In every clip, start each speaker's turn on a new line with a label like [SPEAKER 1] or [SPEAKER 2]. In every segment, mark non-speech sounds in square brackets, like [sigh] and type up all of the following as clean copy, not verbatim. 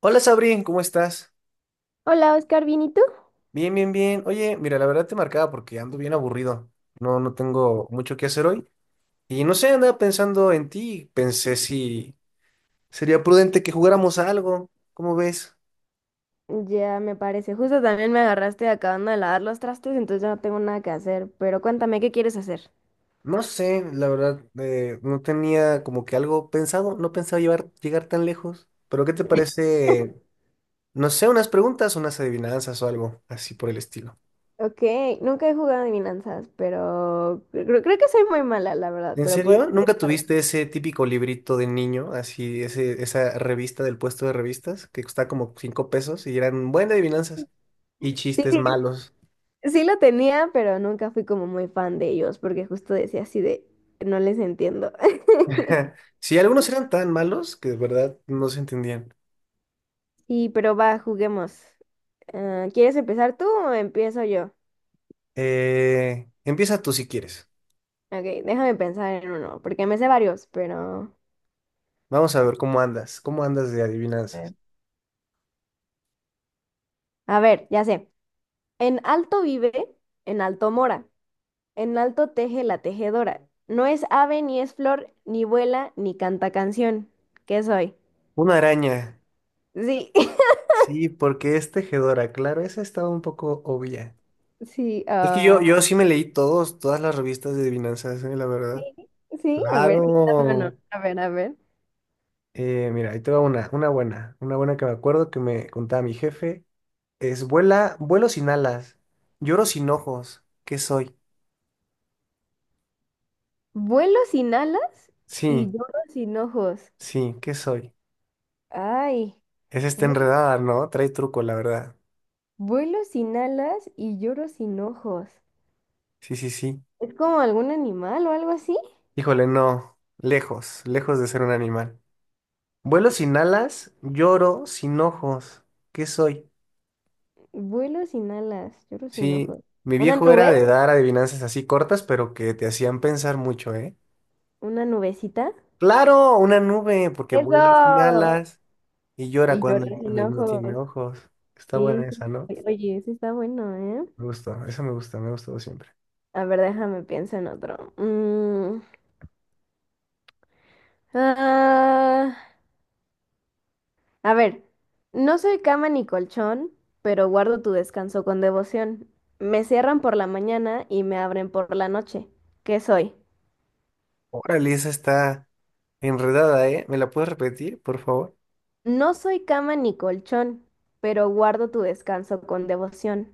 [SPEAKER 1] Hola Sabri, ¿cómo estás?
[SPEAKER 2] Hola, Oscar, ¿bien y tú?
[SPEAKER 1] Bien. Oye, mira, la verdad te marcaba porque ando bien aburrido. No tengo mucho que hacer hoy. Y no sé, andaba pensando en ti. Pensé si sería prudente que jugáramos a algo. ¿Cómo ves?
[SPEAKER 2] Ya me parece. Justo también me agarraste acabando de lavar los trastes, entonces ya no tengo nada que hacer. Pero cuéntame, ¿qué quieres hacer?
[SPEAKER 1] No sé, la verdad, no tenía como que algo pensado. No pensaba llegar tan lejos. Pero ¿qué te parece? No sé, unas preguntas, unas adivinanzas o algo así por el estilo.
[SPEAKER 2] Ok, nunca he jugado adivinanzas, pero creo que soy muy mala, la verdad,
[SPEAKER 1] ¿En
[SPEAKER 2] pero pod-
[SPEAKER 1] serio? ¿Nunca tuviste ese típico librito de niño, así, esa revista del puesto de revistas, que costaba como cinco pesos y eran buenas adivinanzas y
[SPEAKER 2] Sí,
[SPEAKER 1] chistes
[SPEAKER 2] sí,
[SPEAKER 1] malos?
[SPEAKER 2] sí lo tenía, pero nunca fui como muy fan de ellos, porque justo decía así de, no les entiendo. [laughs]
[SPEAKER 1] [laughs] Sí, algunos eran tan malos que de verdad no se entendían.
[SPEAKER 2] Sí, pero va, juguemos. Ah, ¿quieres empezar tú o empiezo yo?
[SPEAKER 1] Empieza tú si quieres.
[SPEAKER 2] Ok, déjame pensar en uno, porque me sé varios, pero...
[SPEAKER 1] Vamos a ver cómo andas de
[SPEAKER 2] Eh.
[SPEAKER 1] adivinanzas.
[SPEAKER 2] A ver, ya sé. En alto vive, en alto mora, en alto teje la tejedora. No es ave, ni es flor, ni vuela, ni canta canción. ¿Qué soy?
[SPEAKER 1] Una araña.
[SPEAKER 2] Sí, [laughs]
[SPEAKER 1] Sí, porque es tejedora, claro, esa estaba un poco obvia.
[SPEAKER 2] sí,
[SPEAKER 1] Es que yo,
[SPEAKER 2] ah,
[SPEAKER 1] yo sí me leí todas las revistas de adivinanzas, la
[SPEAKER 2] sí,
[SPEAKER 1] verdad.
[SPEAKER 2] sí, a ver, sí, dame uno.
[SPEAKER 1] Claro.
[SPEAKER 2] A ver, a ver.
[SPEAKER 1] Mira, ahí te va una buena que me acuerdo que me contaba mi jefe. Es vuelo sin alas, lloro sin ojos. ¿Qué soy?
[SPEAKER 2] Vuelo sin alas y
[SPEAKER 1] Sí,
[SPEAKER 2] lloro sin ojos.
[SPEAKER 1] sí, ¿qué soy?
[SPEAKER 2] Ay,
[SPEAKER 1] Es esta
[SPEAKER 2] vu-
[SPEAKER 1] enredada, ¿no? Trae truco, la verdad.
[SPEAKER 2] vuelo sin alas y lloro sin ojos.
[SPEAKER 1] Sí, sí, sí.
[SPEAKER 2] ¿Es como algún animal o algo así?
[SPEAKER 1] Híjole, no. Lejos, lejos de ser un animal. Vuelo sin alas, lloro sin ojos. ¿Qué soy?
[SPEAKER 2] Vuelo sin alas, lloro sin
[SPEAKER 1] Sí,
[SPEAKER 2] ojos.
[SPEAKER 1] mi
[SPEAKER 2] ¿Una
[SPEAKER 1] viejo era
[SPEAKER 2] nube?
[SPEAKER 1] de dar adivinanzas así cortas, pero que te hacían pensar mucho, ¿eh?
[SPEAKER 2] ¿Una nubecita?
[SPEAKER 1] Claro, una nube, porque vuela sin
[SPEAKER 2] Eso.
[SPEAKER 1] alas. Y llora
[SPEAKER 2] Y
[SPEAKER 1] cuando
[SPEAKER 2] llorar sin
[SPEAKER 1] llueve, no tiene
[SPEAKER 2] ojos.
[SPEAKER 1] ojos. Está
[SPEAKER 2] Sí,
[SPEAKER 1] buena
[SPEAKER 2] sí.
[SPEAKER 1] esa, ¿no?
[SPEAKER 2] Oye, eso está bueno, ¿eh?
[SPEAKER 1] Me gustó, esa me gusta, me ha gustado siempre.
[SPEAKER 2] A ver, déjame pienso en otro. Ah, a ver, no soy cama ni colchón, pero guardo tu descanso con devoción. Me cierran por la mañana y me abren por la noche. ¿Qué soy?
[SPEAKER 1] Órale, esa está enredada, ¿eh? ¿Me la puedes repetir, por favor?
[SPEAKER 2] No soy cama ni colchón, pero guardo tu descanso con devoción.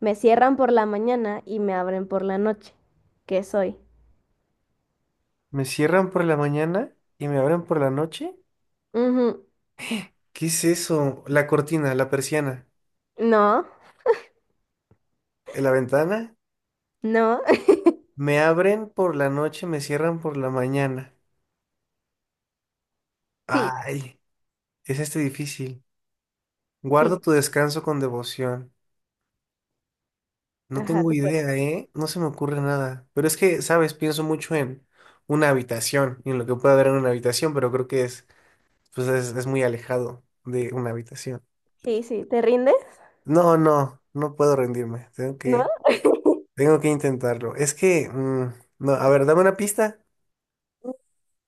[SPEAKER 2] Me cierran por la mañana y me abren por la noche. ¿Qué soy?
[SPEAKER 1] ¿Me cierran por la mañana y me abren por la noche?
[SPEAKER 2] Ujú,
[SPEAKER 1] ¿Qué es eso? La cortina, la persiana,
[SPEAKER 2] no.
[SPEAKER 1] ¿en la ventana?
[SPEAKER 2] No, [laughs]
[SPEAKER 1] Me abren por la noche, me cierran por la mañana.
[SPEAKER 2] sí,
[SPEAKER 1] Ay, es este difícil.
[SPEAKER 2] sí,
[SPEAKER 1] Guardo tu descanso con devoción. No
[SPEAKER 2] ajá,
[SPEAKER 1] tengo
[SPEAKER 2] tú
[SPEAKER 1] idea,
[SPEAKER 2] puedes.
[SPEAKER 1] ¿eh? No se me ocurre nada. Pero es que, ¿sabes? Pienso mucho en una habitación y en lo que puede haber en una habitación, pero creo que pues es muy alejado de una habitación.
[SPEAKER 2] Sí, sí, ¿te rindes?
[SPEAKER 1] No, no, no puedo rendirme.
[SPEAKER 2] ¿No?
[SPEAKER 1] Tengo que intentarlo. Es que, no, a ver, dame una pista.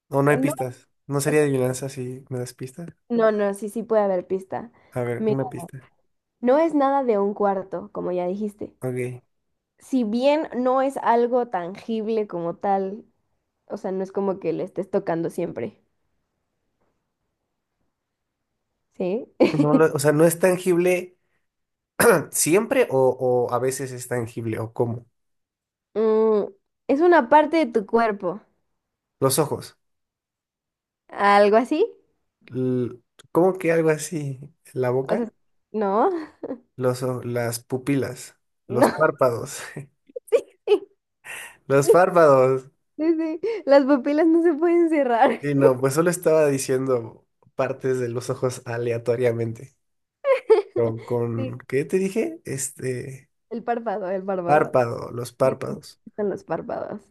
[SPEAKER 1] O no hay
[SPEAKER 2] No,
[SPEAKER 1] pistas. No sería
[SPEAKER 2] es-
[SPEAKER 1] adivinanza si me das pistas.
[SPEAKER 2] no, no, sí, sí puede haber pista.
[SPEAKER 1] A ver,
[SPEAKER 2] Mira,
[SPEAKER 1] una pista.
[SPEAKER 2] no es nada de un cuarto, como ya dijiste.
[SPEAKER 1] Ok.
[SPEAKER 2] Si bien no es algo tangible como tal, o sea, no es como que le estés tocando siempre, ¿sí? [laughs]
[SPEAKER 1] O sea, ¿no es tangible [clears throat] siempre o a veces es tangible? ¿O cómo?
[SPEAKER 2] Mm, es una parte de tu cuerpo,
[SPEAKER 1] Los ojos.
[SPEAKER 2] algo así.
[SPEAKER 1] L- ¿Cómo que algo así? ¿La
[SPEAKER 2] O
[SPEAKER 1] boca?
[SPEAKER 2] sea, no, [laughs]
[SPEAKER 1] Las pupilas,
[SPEAKER 2] no,
[SPEAKER 1] los
[SPEAKER 2] [laughs]
[SPEAKER 1] párpados,
[SPEAKER 2] sí, sí,
[SPEAKER 1] [laughs] los párpados.
[SPEAKER 2] sí, sí. Las pupilas no se pueden cerrar.
[SPEAKER 1] Y no, pues solo estaba diciendo partes de los ojos aleatoriamente.
[SPEAKER 2] [laughs] Sí,
[SPEAKER 1] ¿Qué te dije?
[SPEAKER 2] el párpado.
[SPEAKER 1] Párpado, los
[SPEAKER 2] Sí, sí,
[SPEAKER 1] párpados.
[SPEAKER 2] están los párpados.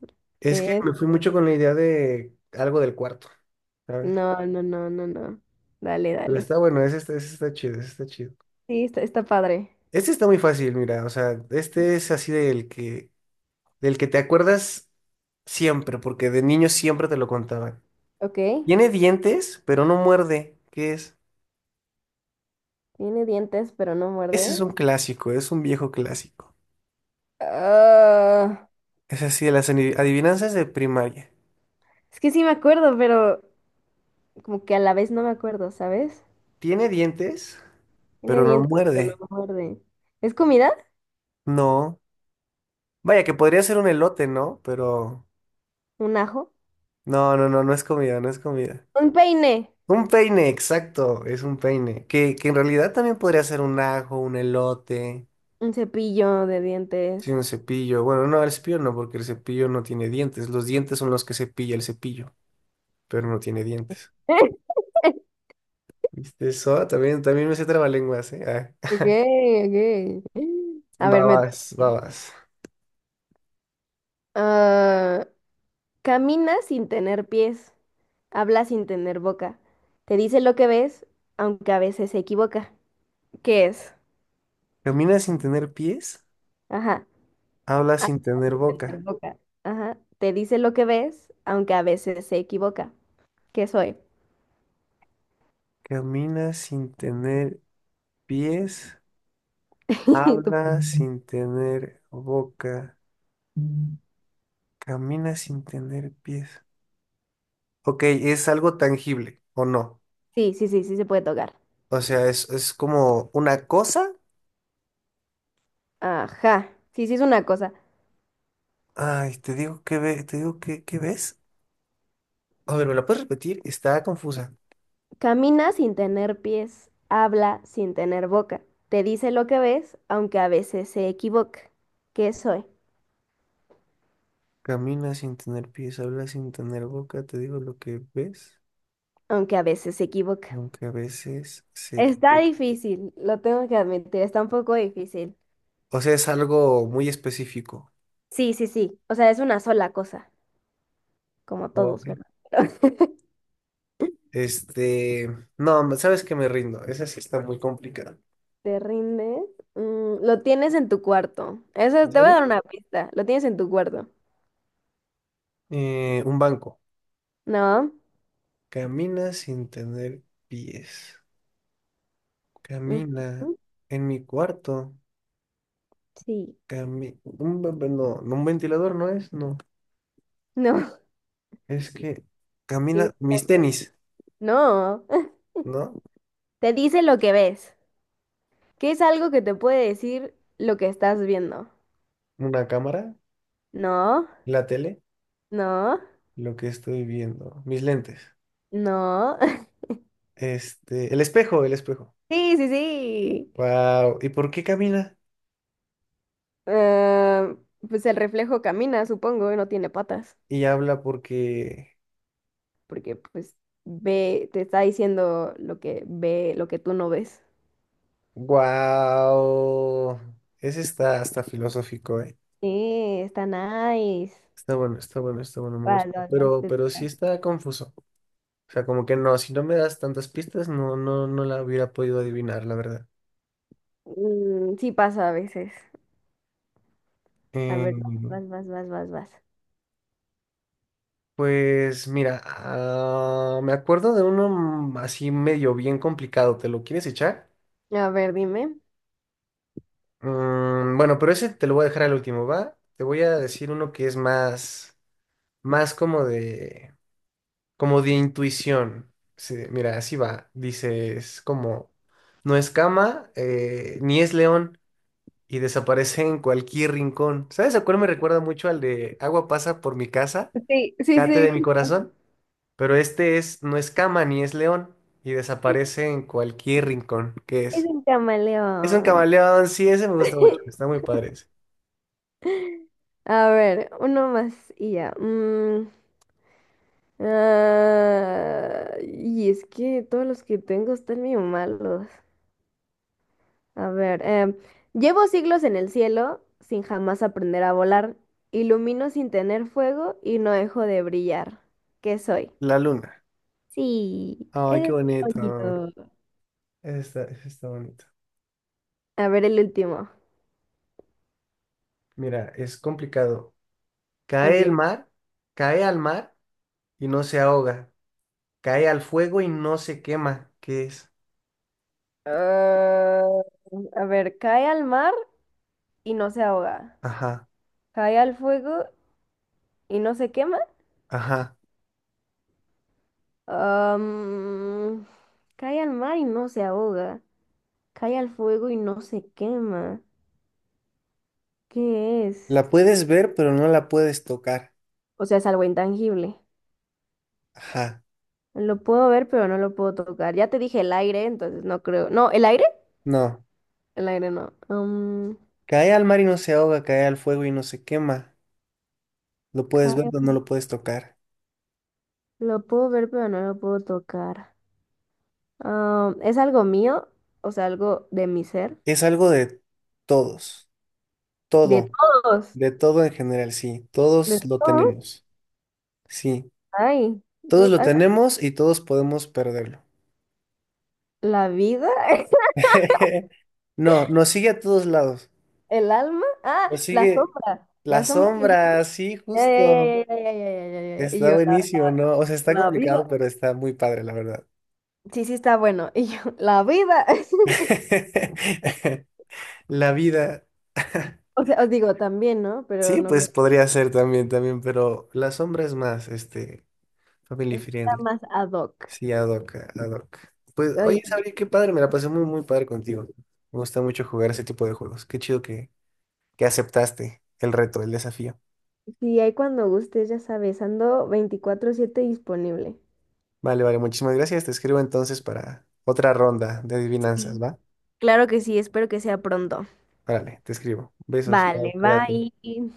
[SPEAKER 1] Es que
[SPEAKER 2] Eh,
[SPEAKER 1] me fui mucho con la idea de algo del cuarto, ¿sabes?
[SPEAKER 2] no, no, no, no, no. Dale,
[SPEAKER 1] Pero
[SPEAKER 2] dale.
[SPEAKER 1] está bueno, ese está chido, ese está chido.
[SPEAKER 2] Sí, está, está padre.
[SPEAKER 1] Este está muy fácil, mira, o sea, este es así del que te acuerdas siempre, porque de niño siempre te lo contaban.
[SPEAKER 2] Ok,
[SPEAKER 1] Tiene dientes, pero no muerde. ¿Qué es?
[SPEAKER 2] tiene dientes, pero no
[SPEAKER 1] Ese
[SPEAKER 2] muerde.
[SPEAKER 1] es un clásico, es un viejo clásico.
[SPEAKER 2] Ah,
[SPEAKER 1] Es así de las adivinanzas de primaria.
[SPEAKER 2] es que sí me acuerdo, pero como que a la vez no me acuerdo, ¿sabes?
[SPEAKER 1] Tiene dientes,
[SPEAKER 2] Tiene
[SPEAKER 1] pero no
[SPEAKER 2] dientes, pero no
[SPEAKER 1] muerde.
[SPEAKER 2] muerde. ¿Es comida?
[SPEAKER 1] No. Vaya, que podría ser un elote, ¿no? Pero
[SPEAKER 2] ¿Un ajo?
[SPEAKER 1] no es comida, no es comida.
[SPEAKER 2] ¿Un peine?
[SPEAKER 1] Un peine, exacto, es un peine. Que en realidad también podría ser un ajo, un elote.
[SPEAKER 2] Un cepillo de
[SPEAKER 1] Sí,
[SPEAKER 2] dientes.
[SPEAKER 1] un cepillo. Bueno, no, el cepillo no, porque el cepillo no tiene dientes. Los dientes son los que cepilla el cepillo, pero no tiene dientes.
[SPEAKER 2] [laughs]
[SPEAKER 1] ¿Viste eso? Ah, también, también me sé trabalenguas, ¿eh?
[SPEAKER 2] Ok,
[SPEAKER 1] Ah.
[SPEAKER 2] ok.
[SPEAKER 1] [laughs]
[SPEAKER 2] A ver, me toca.
[SPEAKER 1] Babas, babas.
[SPEAKER 2] Ah, camina sin tener pies, habla sin tener boca, te dice lo que ves, aunque a veces se equivoca. ¿Qué es?
[SPEAKER 1] Caminas sin tener pies,
[SPEAKER 2] Ajá,
[SPEAKER 1] hablas
[SPEAKER 2] habla
[SPEAKER 1] sin tener
[SPEAKER 2] sin tener
[SPEAKER 1] boca.
[SPEAKER 2] boca. Ajá, te dice lo que ves, aunque a veces se equivoca. ¿Qué soy?
[SPEAKER 1] Caminas sin tener pies,
[SPEAKER 2] [laughs] Tú-
[SPEAKER 1] hablas sin tener boca. Camina sin tener pies. Ok, ¿es algo tangible o no?
[SPEAKER 2] Sí, sí, sí, sí se puede tocar.
[SPEAKER 1] O sea, es como una cosa.
[SPEAKER 2] Ajá, sí, sí es una cosa.
[SPEAKER 1] Ay, te digo que te digo que, ¿qué ves? A ver, ¿me la puedes repetir? Está confusa.
[SPEAKER 2] Camina sin tener pies, habla sin tener boca, te dice lo que ves, aunque a veces se equivoca. ¿Qué soy?
[SPEAKER 1] Camina sin tener pies, habla sin tener boca, te digo lo que ves,
[SPEAKER 2] Aunque a veces se equivoca.
[SPEAKER 1] aunque a veces se
[SPEAKER 2] Está
[SPEAKER 1] equivoca.
[SPEAKER 2] difícil, lo tengo que admitir, está un poco difícil.
[SPEAKER 1] O sea, es algo muy específico.
[SPEAKER 2] Sí, sí, sí. O sea, es una sola cosa, como todos,
[SPEAKER 1] Ok.
[SPEAKER 2] ¿verdad? [laughs]
[SPEAKER 1] Este, no, sabes que me rindo, esa sí está muy complicada.
[SPEAKER 2] ¿Te rindes? Mm, lo tienes en tu cuarto.
[SPEAKER 1] ¿En
[SPEAKER 2] Eso te voy a dar
[SPEAKER 1] serio?
[SPEAKER 2] una pista. Lo tienes en tu cuarto.
[SPEAKER 1] Un banco.
[SPEAKER 2] ¿No?
[SPEAKER 1] Camina sin tener pies. Camina
[SPEAKER 2] Ujú.
[SPEAKER 1] en mi cuarto.
[SPEAKER 2] Sí.
[SPEAKER 1] No, no, un ventilador no es, no.
[SPEAKER 2] No. [laughs]
[SPEAKER 1] Es que
[SPEAKER 2] Sí,
[SPEAKER 1] camina mis
[SPEAKER 2] exacto.
[SPEAKER 1] tenis,
[SPEAKER 2] No. [laughs]
[SPEAKER 1] ¿no?
[SPEAKER 2] Te dice lo que ves. ¿Qué es algo que te puede decir lo que estás viendo?
[SPEAKER 1] Una cámara,
[SPEAKER 2] No.
[SPEAKER 1] la tele,
[SPEAKER 2] No.
[SPEAKER 1] lo que estoy viendo, mis lentes.
[SPEAKER 2] No. [laughs]
[SPEAKER 1] Este, el espejo, el espejo.
[SPEAKER 2] Sí, sí, sí.
[SPEAKER 1] Wow, ¿y por qué camina?
[SPEAKER 2] Ah, pues el reflejo camina, supongo, y no tiene patas,
[SPEAKER 1] Y habla porque
[SPEAKER 2] porque pues ve, te está diciendo lo que ve, lo que tú no ves.
[SPEAKER 1] wow. Ese está hasta filosófico, ¿eh?
[SPEAKER 2] Sí, está nice.
[SPEAKER 1] Está bueno, está bueno, está bueno, me
[SPEAKER 2] Vas,
[SPEAKER 1] gusta.
[SPEAKER 2] vas, te
[SPEAKER 1] Pero sí
[SPEAKER 2] toca.
[SPEAKER 1] está confuso. O sea, como que no, si no me das tantas pistas no la hubiera podido adivinar, la verdad.
[SPEAKER 2] Mm, sí pasa a veces. A ver,
[SPEAKER 1] Eh,
[SPEAKER 2] vas, vas, vas, vas, vas.
[SPEAKER 1] Pues mira, me acuerdo de uno así medio bien complicado. ¿Te lo quieres echar?
[SPEAKER 2] A ver, dime.
[SPEAKER 1] Bueno, pero ese te lo voy a dejar al último, ¿va? Te voy a decir uno que es más como como de intuición. Sí, mira, así va. Dices como, no es cama, ni es león, y desaparece en cualquier rincón. ¿Sabes a cuál me recuerda mucho al de agua pasa por mi casa,
[SPEAKER 2] Sí, sí,
[SPEAKER 1] cate
[SPEAKER 2] sí,
[SPEAKER 1] de mi
[SPEAKER 2] justo
[SPEAKER 1] corazón? Pero este es, no es cama ni es león y desaparece en cualquier rincón que
[SPEAKER 2] es
[SPEAKER 1] es.
[SPEAKER 2] un
[SPEAKER 1] Es un
[SPEAKER 2] camaleón.
[SPEAKER 1] camaleón, sí, ese me gusta mucho, está
[SPEAKER 2] [laughs]
[SPEAKER 1] muy padre ese.
[SPEAKER 2] A ver, uno más y ya. Ah, y es que todos los que tengo están medio malos. A ver, llevo siglos en el cielo sin jamás aprender a volar. Ilumino sin tener fuego y no dejo de brillar. ¿Qué soy?
[SPEAKER 1] La luna.
[SPEAKER 2] Sí,
[SPEAKER 1] Ay, qué
[SPEAKER 2] es
[SPEAKER 1] bonito.
[SPEAKER 2] bonito.
[SPEAKER 1] Ese está bonito.
[SPEAKER 2] A ver el último.
[SPEAKER 1] Mira, es complicado. Cae
[SPEAKER 2] Ok.
[SPEAKER 1] el mar, cae al mar y no se ahoga. Cae al fuego y no se quema. ¿Qué es?
[SPEAKER 2] Ah, a ver, cae al mar y no se ahoga.
[SPEAKER 1] Ajá,
[SPEAKER 2] Cae al fuego y no se quema.
[SPEAKER 1] ajá.
[SPEAKER 2] Am, cae al mar y no se ahoga. Cae al fuego y no se quema. ¿Qué es?
[SPEAKER 1] La puedes ver, pero no la puedes tocar.
[SPEAKER 2] O sea, es algo intangible.
[SPEAKER 1] Ajá.
[SPEAKER 2] Lo puedo ver, pero no lo puedo tocar. Ya te dije el aire, entonces no creo. No, ¿el aire?
[SPEAKER 1] No.
[SPEAKER 2] El aire no.
[SPEAKER 1] Cae al mar y no se ahoga, cae al fuego y no se quema. Lo puedes ver, pero
[SPEAKER 2] Cae-
[SPEAKER 1] no lo puedes tocar.
[SPEAKER 2] lo puedo ver, pero no lo puedo tocar. Um, ¿es algo mío? O sea, algo de mi ser.
[SPEAKER 1] Es algo de todos,
[SPEAKER 2] De
[SPEAKER 1] todo,
[SPEAKER 2] todos.
[SPEAKER 1] de todo en general, sí,
[SPEAKER 2] De
[SPEAKER 1] todos lo
[SPEAKER 2] todos.
[SPEAKER 1] tenemos, sí,
[SPEAKER 2] Ay,
[SPEAKER 1] todos lo
[SPEAKER 2] total.
[SPEAKER 1] tenemos y todos podemos perderlo.
[SPEAKER 2] La vida. [laughs]
[SPEAKER 1] [laughs] No, nos sigue a todos lados,
[SPEAKER 2] El alma. Ah,
[SPEAKER 1] nos
[SPEAKER 2] la
[SPEAKER 1] sigue
[SPEAKER 2] sombra. La
[SPEAKER 1] la
[SPEAKER 2] sombra.
[SPEAKER 1] sombra,
[SPEAKER 2] [laughs]
[SPEAKER 1] sí,
[SPEAKER 2] Ya,
[SPEAKER 1] justo,
[SPEAKER 2] ya, ya, ya, ya, ya, ya, ya, ya. Y
[SPEAKER 1] está
[SPEAKER 2] yo, la,
[SPEAKER 1] buenísimo, ¿no? O sea, está
[SPEAKER 2] la
[SPEAKER 1] complicado,
[SPEAKER 2] vida.
[SPEAKER 1] pero está muy padre, la verdad.
[SPEAKER 2] Sí, sí, está bueno. [laughs] Y yo, la vida. [laughs]
[SPEAKER 1] [laughs] La vida, [laughs]
[SPEAKER 2] O sea, os digo también, ¿no? Pero
[SPEAKER 1] sí,
[SPEAKER 2] no
[SPEAKER 1] pues
[SPEAKER 2] creo.
[SPEAKER 1] podría ser también, pero la sombra es más, este, family
[SPEAKER 2] Está
[SPEAKER 1] friendly.
[SPEAKER 2] más ad hoc.
[SPEAKER 1] Sí, ad hoc, ad hoc. Pues,
[SPEAKER 2] Oye,
[SPEAKER 1] oye, Sabri, qué padre, me la pasé muy padre contigo. Me gusta mucho jugar ese tipo de juegos. Qué chido que aceptaste el reto, el desafío.
[SPEAKER 2] sí, hay cuando gustes, ya sabes, ando 24/7 disponible.
[SPEAKER 1] Vale, vale, muchísimas gracias. Te escribo entonces para otra ronda de adivinanzas,
[SPEAKER 2] Sí.
[SPEAKER 1] ¿va?
[SPEAKER 2] Claro que sí, espero que sea pronto.
[SPEAKER 1] Órale, te escribo. Besos, bye,
[SPEAKER 2] Vale,
[SPEAKER 1] cuídate.
[SPEAKER 2] bye.